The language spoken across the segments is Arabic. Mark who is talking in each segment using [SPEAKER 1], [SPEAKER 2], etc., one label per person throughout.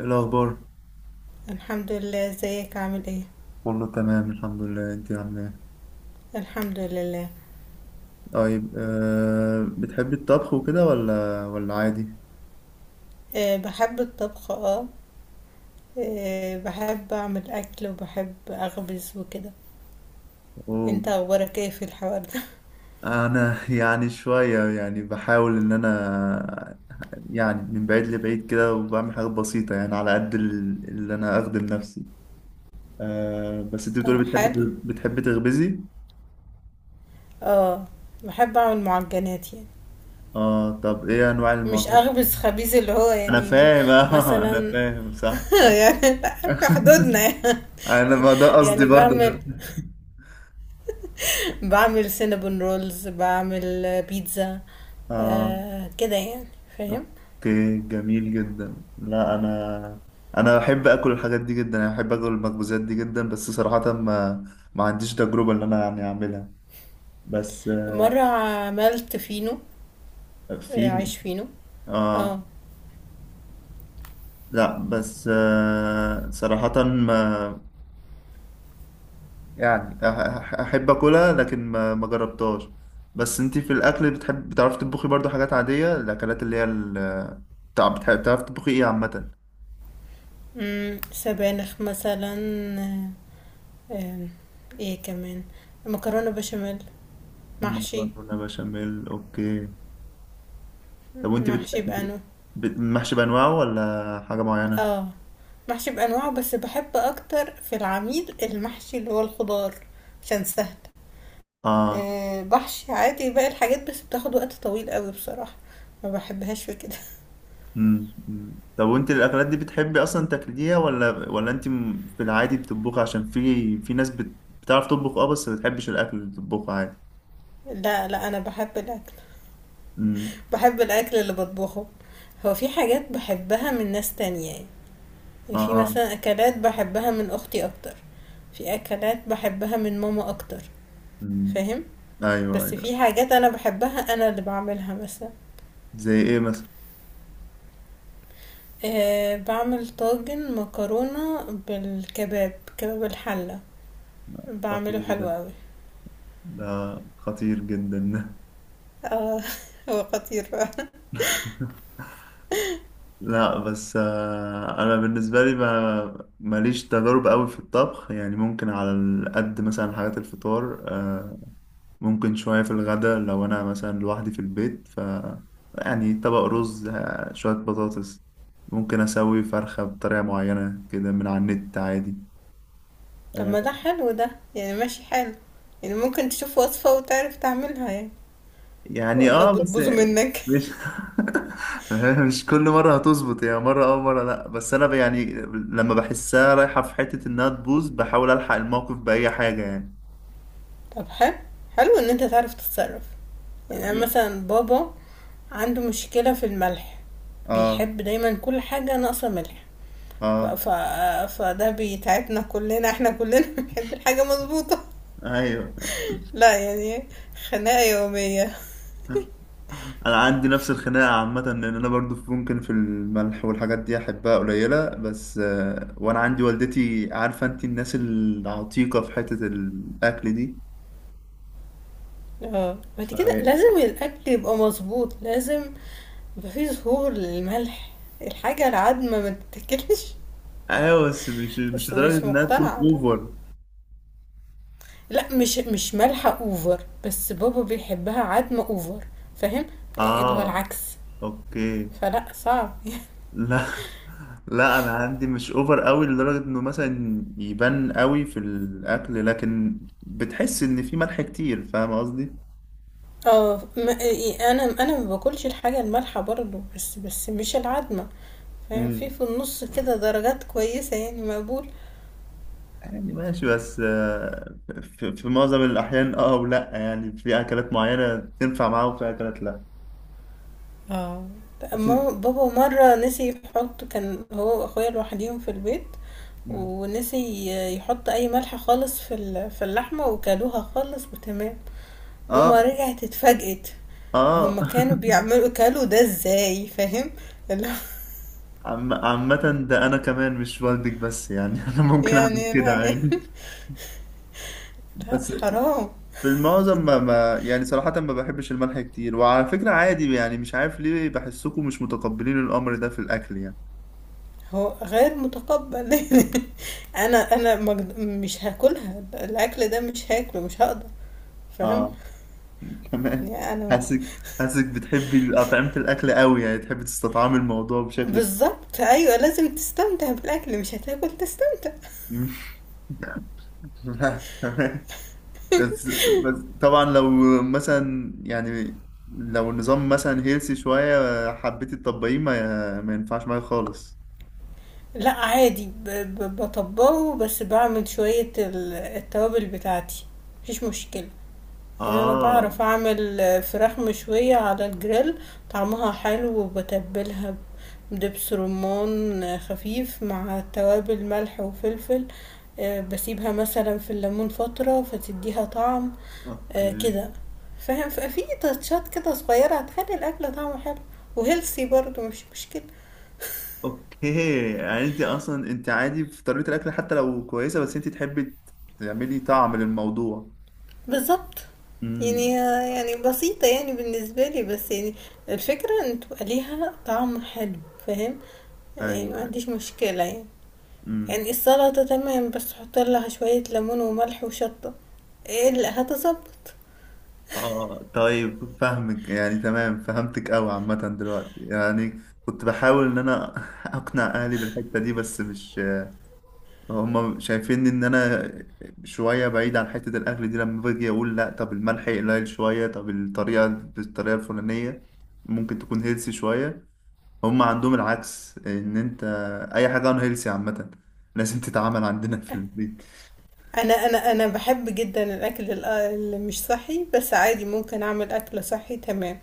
[SPEAKER 1] إيه الأخبار؟
[SPEAKER 2] الحمد لله، ازيك؟ عامل ايه؟
[SPEAKER 1] والله تمام الحمد لله، انت عامله ايه؟
[SPEAKER 2] الحمد لله.
[SPEAKER 1] طيب بتحبي الطبخ وكده ولا عادي؟
[SPEAKER 2] بحب الطبخ. اه. آه، بحب اعمل اكل وبحب اخبز وكده.
[SPEAKER 1] أوه.
[SPEAKER 2] انت اخبارك ايه في الحوار ده؟
[SPEAKER 1] أنا يعني شوية بحاول إن أنا، يعني من بعيد لبعيد كده، وبعمل حاجات بسيطة يعني على قد اللي أنا أخدم نفسي. بس انت
[SPEAKER 2] طب،
[SPEAKER 1] بتقولي
[SPEAKER 2] حلو.
[SPEAKER 1] بتحبي تخبزي؟
[SPEAKER 2] اه، بحب اعمل معجنات يعني.
[SPEAKER 1] اه، طب ايه أنواع
[SPEAKER 2] مش
[SPEAKER 1] المعجنات؟
[SPEAKER 2] اخبز خبيز اللي هو
[SPEAKER 1] أنا
[SPEAKER 2] يعني.
[SPEAKER 1] فاهم. أنا
[SPEAKER 2] مثلا.
[SPEAKER 1] فاهم، صح.
[SPEAKER 2] يعني في حدودنا يعني.
[SPEAKER 1] أنا، ما ده قصدي
[SPEAKER 2] يعني
[SPEAKER 1] برضه
[SPEAKER 2] بعمل
[SPEAKER 1] أنا.
[SPEAKER 2] بعمل سينابون رولز، بعمل بيتزا.
[SPEAKER 1] اه،
[SPEAKER 2] آه، كده يعني. فاهم؟
[SPEAKER 1] اوكي، جميل جدا. لا انا، انا بحب اكل الحاجات دي جدا، انا بحب اكل المخبوزات دي جدا، بس صراحة ما عنديش تجربة ان انا يعني اعملها. بس
[SPEAKER 2] مرة عملت فينو. آه،
[SPEAKER 1] في.
[SPEAKER 2] عايش فينو. اه.
[SPEAKER 1] اه، لا بس صراحة ما، يعني احب اكلها، لكن ما جربتهاش. بس انتي في الاكل بتحب، بتعرفي تطبخي برضو حاجات عادية، الاكلات اللي هي بتعرفي تطبخي ايه عامة؟
[SPEAKER 2] سبانخ مثلا. آه. آه. ايه كمان؟ مكرونة بشاميل. محشي.
[SPEAKER 1] مكرونة بشاميل، اوكي. طب وانت
[SPEAKER 2] محشي بأنو.
[SPEAKER 1] محشي بانواعه ولا حاجه معينه؟
[SPEAKER 2] اه، محشي بأنواعه، بس بحب أكتر في العميل المحشي اللي هو الخضار. عشان سهل.
[SPEAKER 1] اه.
[SPEAKER 2] آه، بحشي عادي باقي الحاجات، بس بتاخد وقت طويل قوي بصراحة. ما بحبهاش في كده.
[SPEAKER 1] امم، أمم. طب وانت الاكلات دي بتحبي اصلا تاكليها ولا انت في العادي بتطبخي؟ عشان في ناس بتعرف تطبخ، اه، بس ما بتحبش الاكل اللي بتطبخه عادي.
[SPEAKER 2] لا لا، أنا بحب الأكل.
[SPEAKER 1] امم.
[SPEAKER 2] بحب الأكل اللي بطبخه. هو في حاجات بحبها من ناس تانية يعني.
[SPEAKER 1] اه،
[SPEAKER 2] في
[SPEAKER 1] آه.
[SPEAKER 2] مثلا اكلات بحبها من اختي اكتر. في اكلات بحبها من ماما اكتر.
[SPEAKER 1] امم.
[SPEAKER 2] فاهم؟
[SPEAKER 1] ايوه،
[SPEAKER 2] بس
[SPEAKER 1] ايوه.
[SPEAKER 2] في حاجات انا بحبها، انا اللي بعملها مثلا.
[SPEAKER 1] زي ايه مثلا؟
[SPEAKER 2] أه، بعمل طاجن مكرونة بالكباب، كباب الحلة. بعمله
[SPEAKER 1] خطير ده
[SPEAKER 2] حلو قوي.
[SPEAKER 1] ده خطير جدا ده.
[SPEAKER 2] اه. هو خطير بقى.
[SPEAKER 1] لا بس انا بالنسبه لي ما ماليش تجارب قوي في الطبخ يعني، ممكن على قد مثلا حاجات الفطار، ممكن شوية في الغداء لو أنا مثلا لوحدي في البيت، ف يعني طبق رز، شوية بطاطس، ممكن أسوي فرخة بطريقة معينة كده من على النت عادي.
[SPEAKER 2] طب،
[SPEAKER 1] آه،
[SPEAKER 2] ما ده حلو، ده يعني ماشي حلو. يعني ممكن تشوف وصفة وتعرف تعملها يعني،
[SPEAKER 1] يعني
[SPEAKER 2] ولا
[SPEAKER 1] اه بس،
[SPEAKER 2] بتبوظه منك؟
[SPEAKER 1] مش مش كل مرة هتظبط يعني، مرة اه مرة لأ، بس أنا يعني لما بحسها رايحة في حتة إنها تبوظ، بحاول ألحق الموقف بأي حاجة يعني.
[SPEAKER 2] طب، حلو. حلو ان انت تعرف تتصرف. يعني انا مثلا بابا عنده مشكلة في الملح.
[SPEAKER 1] اه،
[SPEAKER 2] بيحب دايما كل حاجة ناقصة ملح. ف...
[SPEAKER 1] اه.
[SPEAKER 2] ف... فده بيتعبنا كلنا، احنا كلنا بنحب الحاجة مظبوطة.
[SPEAKER 1] ايوه،
[SPEAKER 2] لا يعني، خناقة يومية.
[SPEAKER 1] انا عندي نفس الخناقه عامه، لان انا برضو ممكن في الملح والحاجات دي احبها قليله، بس وانا عندي والدتي، عارفه انت الناس العتيقه في حته الاكل دي،
[SPEAKER 2] اه، بعد كده
[SPEAKER 1] فهي.
[SPEAKER 2] لازم الأكل يبقى مظبوط، لازم يبقى فيه ظهور للملح. الحاجة العدمة ما تتاكلش.
[SPEAKER 1] ايوه بس مش، مش
[SPEAKER 2] بس
[SPEAKER 1] لدرجه
[SPEAKER 2] مش
[SPEAKER 1] انها تكون
[SPEAKER 2] مقتنعة ده.
[SPEAKER 1] اوفر.
[SPEAKER 2] لا، مش مالحة اوفر، بس بابا بيحبها عدمة اوفر. فاهم؟ اللي هو
[SPEAKER 1] اه،
[SPEAKER 2] العكس.
[SPEAKER 1] اوكي.
[SPEAKER 2] فلا، صعب.
[SPEAKER 1] لا، لا انا عندي مش اوفر قوي لدرجه انه مثلا يبان قوي في الاكل، لكن بتحس ان في ملح كتير، فاهم
[SPEAKER 2] اه، ما انا ما باكلش الحاجه المالحه برضو، بس مش العدمه. فاهم؟ في
[SPEAKER 1] قصدي.
[SPEAKER 2] في النص كده درجات كويسه يعني مقبول.
[SPEAKER 1] يعني ماشي بس في معظم الأحيان اه، ولا يعني في أكلات معينة تنفع معاه وفي أكلات لا.
[SPEAKER 2] اه،
[SPEAKER 1] بس.
[SPEAKER 2] اما بابا مره نسي يحط، كان هو واخويا لوحديهم في البيت،
[SPEAKER 1] مم.
[SPEAKER 2] ونسي يحط اي ملح خالص في اللحمه، وكلوها خالص وتمام.
[SPEAKER 1] اه.
[SPEAKER 2] ماما رجعت، اتفاجئت.
[SPEAKER 1] اه.
[SPEAKER 2] هما كانوا بيعملوا كلوا ده ازاي؟ فاهم اللي هو
[SPEAKER 1] عامة ده أنا كمان مش والدك بس يعني، أنا ممكن أعمل
[SPEAKER 2] يعني.
[SPEAKER 1] كده
[SPEAKER 2] لا،
[SPEAKER 1] عادي.
[SPEAKER 2] لا
[SPEAKER 1] بس
[SPEAKER 2] حرام.
[SPEAKER 1] في المعظم ما يعني صراحة ما بحبش الملح كتير، وعلى فكرة عادي يعني، مش عارف ليه بحسكم مش متقبلين الأمر ده في الأكل يعني.
[SPEAKER 2] هو غير متقبل. انا مش هاكلها، الاكل ده مش هاكله، مش هقدر. فاهم؟
[SPEAKER 1] اه. كمان
[SPEAKER 2] يعني انا.
[SPEAKER 1] حاسك، حاسك بتحبي أطعمة الأكل قوي يعني، تحبي تستطعمي الموضوع بشكل.
[SPEAKER 2] بالظبط، ايوه، لازم تستمتع بالاكل، مش هتاكل تستمتع.
[SPEAKER 1] لا تمام. بس، بس طبعا لو مثلا يعني، لو النظام مثلا هيلسي شوية حبيت تطبقيه ما ينفعش معايا خالص.
[SPEAKER 2] لا، عادي، بطبقه، بس بعمل شويه التوابل بتاعتي. مفيش مشكله. يعني انا
[SPEAKER 1] اه،
[SPEAKER 2] بعرف اعمل فراخ مشوية على الجريل. طعمها حلو، وبتبلها بدبس رمان خفيف مع توابل ملح وفلفل. آه، بسيبها مثلا في الليمون فترة، فتديها طعم. آه،
[SPEAKER 1] اوكي.
[SPEAKER 2] كده. فاهم؟ في تاتشات كده صغيرة هتخلي الاكل طعمه حلو وهيلثي برضو، مش مشكلة.
[SPEAKER 1] اوكي يعني انت اصلا انت عادي في طريقة الاكل حتى لو كويسة، بس انت تحبي تعملي طعم للموضوع.
[SPEAKER 2] بالضبط. يعني
[SPEAKER 1] امم.
[SPEAKER 2] يعني بسيطة يعني بالنسبة لي، بس يعني الفكرة إن تبقى ليها طعم حلو. فاهم؟ يعني ما
[SPEAKER 1] ايوه.
[SPEAKER 2] عنديش مشكلة يعني.
[SPEAKER 1] امم.
[SPEAKER 2] يعني السلطة تمام، بس حُط لها شوية ليمون وملح وشطة، هتضبّط.
[SPEAKER 1] اه طيب، فاهمك يعني، تمام فهمتك قوي. عامة دلوقتي يعني كنت بحاول ان انا اقنع اهلي بالحتة دي، بس مش، هما شايفين ان انا شويه بعيد عن حته الاكل دي، لما باجي اقول لا، طب الملح قليل شويه، طب الطريقه بالطريقه الفلانيه ممكن تكون هيلسي شويه، هما عندهم العكس، ان انت اي حاجه عن هيلسي عامه لازم تتعامل عندنا في البيت.
[SPEAKER 2] أنا باحب جدًا الأكل اللي مش صحّي، بس عادي ممكن أعمل أكل صحّي تمام.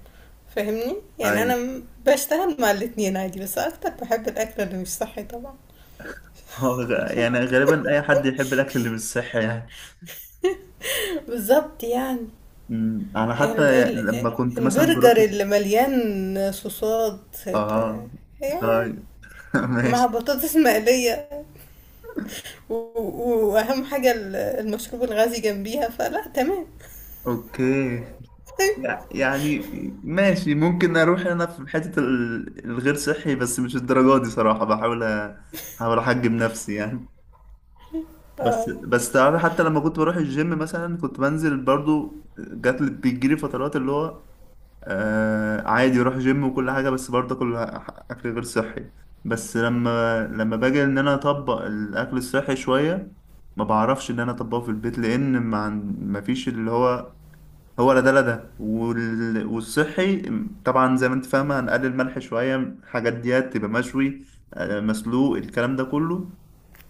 [SPEAKER 2] فاهمني؟ يعني أنا
[SPEAKER 1] ايوه،
[SPEAKER 2] م باشتغل مع الاتنين عادي، بس أكتر باحب الأكل اللي مش صحّي طبعًا.
[SPEAKER 1] يعني غالبا اي حد يحب الاكل اللي مش صحي يعني.
[SPEAKER 2] بالضبط يعني.
[SPEAKER 1] أمم، انا
[SPEAKER 2] ال
[SPEAKER 1] حتى
[SPEAKER 2] ال
[SPEAKER 1] لما كنت مثلا بروح.
[SPEAKER 2] البرجر اللي مليان صوصات
[SPEAKER 1] اه.
[SPEAKER 2] يعني،
[SPEAKER 1] طيب.
[SPEAKER 2] مع
[SPEAKER 1] ماشي.
[SPEAKER 2] بطاطس مقلية، وأهم حاجة المشروب الغازي جنبيها، فلا تمام.
[SPEAKER 1] اوكي. يعني ماشي، ممكن اروح انا في حتة الغير صحي بس مش الدرجة دي صراحة، بحاول احاول احجم نفسي يعني. بس،
[SPEAKER 2] آه.
[SPEAKER 1] بس تعرف حتى لما كنت بروح الجيم مثلا، كنت بنزل برضو، جات لي بيجيلي فترات اللي هو، آه عادي اروح جيم وكل حاجة، بس برضه كل اكل غير صحي. بس لما باجي ان انا اطبق الاكل الصحي شوية، ما بعرفش ان انا اطبقه في البيت، لان ما فيش اللي هو، هو لا ده والصحي. طبعا زي ما انت فاهمة هنقلل ملح شوية، الحاجات ديت تبقى مشوي، مسلوق، الكلام ده كله.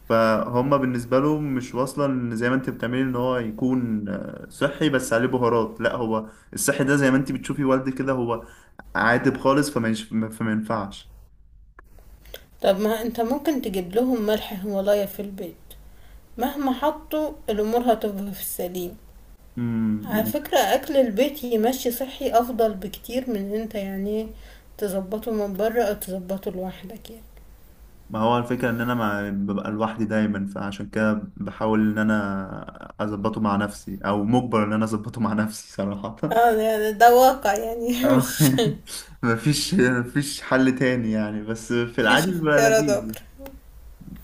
[SPEAKER 1] فهم بالنسبة له مش واصلة، ان زي ما انت بتعملي ان هو يكون صحي بس عليه بهارات، لا، هو الصحي ده زي ما انت بتشوفي والدي كده، هو عادب خالص، فما ينفعش.
[SPEAKER 2] طب، ما انت ممكن تجيب لهم ملح هيمالايا في البيت. مهما حطوا، الأمور هتبقى في السليم. على
[SPEAKER 1] مم.
[SPEAKER 2] فكرة، أكل البيت يمشي صحي أفضل بكتير من إن انت يعني تظبطه من بره أو تظبطه لوحدك يعني.
[SPEAKER 1] ما هو الفكرة ان انا ببقى لوحدي دايما، فعشان كده بحاول ان انا اظبطه مع نفسي، او مجبر ان انا اظبطه مع نفسي صراحة.
[SPEAKER 2] اه، ده واقع يعني.
[SPEAKER 1] اه.
[SPEAKER 2] مش
[SPEAKER 1] مفيش، مفيش حل تاني يعني، بس في
[SPEAKER 2] مفيش
[SPEAKER 1] العادي بيبقى
[SPEAKER 2] اختيار
[SPEAKER 1] لذيذ
[SPEAKER 2] ذكر.
[SPEAKER 1] يعني.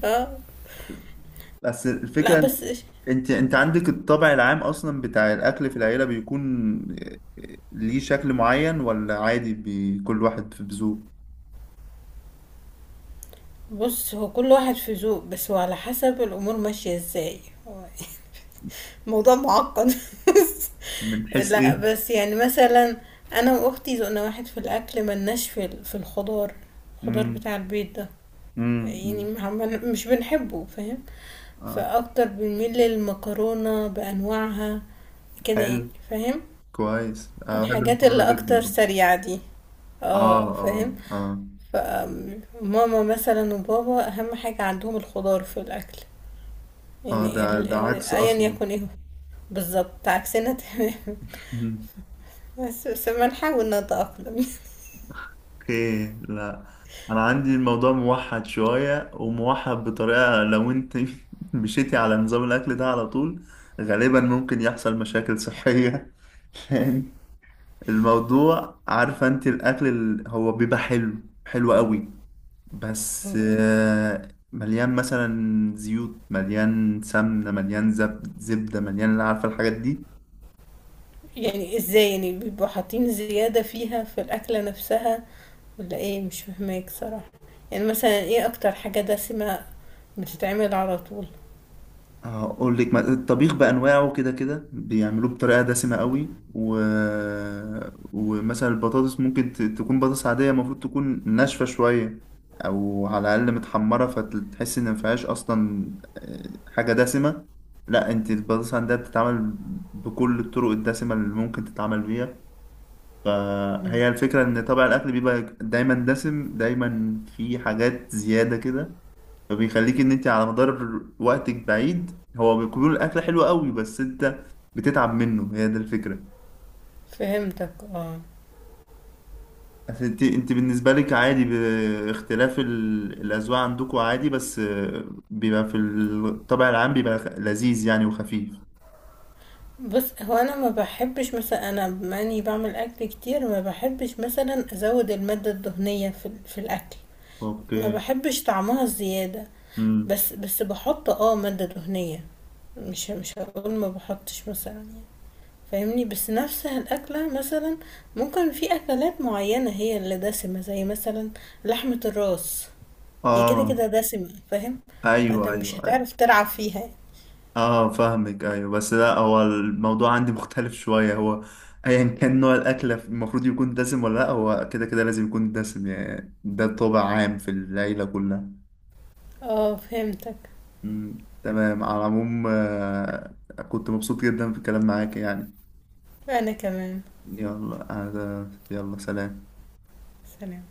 [SPEAKER 2] اه،
[SPEAKER 1] بس
[SPEAKER 2] لا،
[SPEAKER 1] الفكرة إن،
[SPEAKER 2] بس
[SPEAKER 1] انت انت عندك الطبع العام اصلا بتاع الاكل في العيلة، بيكون ليه شكل معين ولا عادي كل واحد في بذوق؟
[SPEAKER 2] بص هو كل واحد في ذوق، بس هو على حسب الامور ماشيه ازاي. هو موضوع معقد.
[SPEAKER 1] من حيث
[SPEAKER 2] لا،
[SPEAKER 1] ايه؟
[SPEAKER 2] بس يعني مثلا انا واختي ذوقنا واحد في الاكل، ملناش في الخضار. الخضار
[SPEAKER 1] امم.
[SPEAKER 2] بتاع البيت ده يعني
[SPEAKER 1] امم.
[SPEAKER 2] مش بنحبه. فاهم؟
[SPEAKER 1] اه.
[SPEAKER 2] فاكتر بنميل للمكرونه بانواعها، كده يعني.
[SPEAKER 1] حلو،
[SPEAKER 2] فاهم؟
[SPEAKER 1] كويس. انا بحب
[SPEAKER 2] الحاجات اللي
[SPEAKER 1] المكرونة
[SPEAKER 2] اكتر
[SPEAKER 1] جدا برضه.
[SPEAKER 2] سريعه دي.
[SPEAKER 1] اه
[SPEAKER 2] اه، فاهم.
[SPEAKER 1] اه اه
[SPEAKER 2] فماما مثلا وبابا أهم حاجة عندهم الخضار في الأكل.
[SPEAKER 1] اه،
[SPEAKER 2] يعني
[SPEAKER 1] ده ده عكس
[SPEAKER 2] أيا
[SPEAKER 1] اصلا.
[SPEAKER 2] يكن ايه هو. بالظبط، عكسنا تمام. بس بنحاول نتأقلم.
[SPEAKER 1] اوكي. لا انا عندي الموضوع موحد شوية، وموحد بطريقة لو انت مشيتي على نظام الاكل ده على طول، غالبا ممكن يحصل مشاكل صحية. لأن الموضوع، عارفة انت الاكل هو بيبقى حلو قوي، بس
[SPEAKER 2] اوكي.
[SPEAKER 1] مليان مثلا زيوت، مليان سمنة، مليان زبدة، مليان، عارفة الحاجات دي.
[SPEAKER 2] يعني ازاي يعني بيبقوا حاطين زيادة فيها في الأكلة نفسها، ولا ايه؟ مش فاهماك صراحة. يعني مثلا ايه أكتر حاجة دسمة بتتعمل على طول؟
[SPEAKER 1] هقول لك، الطبيخ بأنواعه كده بيعملوه بطريقة دسمة قوي، و... ومثلا البطاطس ممكن تكون بطاطس عادية، المفروض تكون ناشفة شوية، أو على الأقل متحمرة، فتحس إن مفيهاش أصلا حاجة دسمة. لا، أنت البطاطس عندها بتتعمل بكل الطرق الدسمة اللي ممكن تتعمل بيها.
[SPEAKER 2] مم.
[SPEAKER 1] فهي الفكرة إن طبع الأكل بيبقى دايما دسم، دايما في حاجات زيادة كده، فبيخليك ان انت على مدار وقتك بعيد، هو بيكون الاكل حلو قوي، بس انت بتتعب منه، هي دي الفكره.
[SPEAKER 2] فهمتك، اه.
[SPEAKER 1] أصل انت، انت بالنسبه لك عادي باختلاف الاذواق عندكم عادي، بس بيبقى في الطبع العام بيبقى لذيذ يعني وخفيف.
[SPEAKER 2] بُص، هو أنا ما باحبش مثلًا، أنا بما إني باعمل أكل كتير، ما باحبش مثلًا أزوّد المادة الدهنية في الأكل. ما
[SPEAKER 1] اوكي.
[SPEAKER 2] باحبش طعمها الزيادة،
[SPEAKER 1] امم.
[SPEAKER 2] بس باحط مادة دهنية. مش هاقول ما باحطش مثلًا يعني، فاهمني؟ بس نفسها الأكلة مثلًا ممكن في أكلات معيّنة هي اللي دسمة، زي مثلًا لحمة الراس، هي كده، كده
[SPEAKER 1] اه.
[SPEAKER 2] دسمة. فاهم؟ فأنت
[SPEAKER 1] ايوه،
[SPEAKER 2] مش
[SPEAKER 1] ايوه، ايوه.
[SPEAKER 2] هتعرف تلعب فيها.
[SPEAKER 1] اه فاهمك، ايوه بس لا، هو الموضوع عندي مختلف شويه، هو ايا كان نوع الاكله المفروض يكون دسم ولا لا، هو كده كده لازم يكون دسم يعني، ده طابع عام في العيله كلها.
[SPEAKER 2] آه، فهمتك.
[SPEAKER 1] مم. تمام. على العموم كنت مبسوط جدا في الكلام معاك يعني.
[SPEAKER 2] أنا كمان.
[SPEAKER 1] يلا يلا سلام.
[SPEAKER 2] سلام.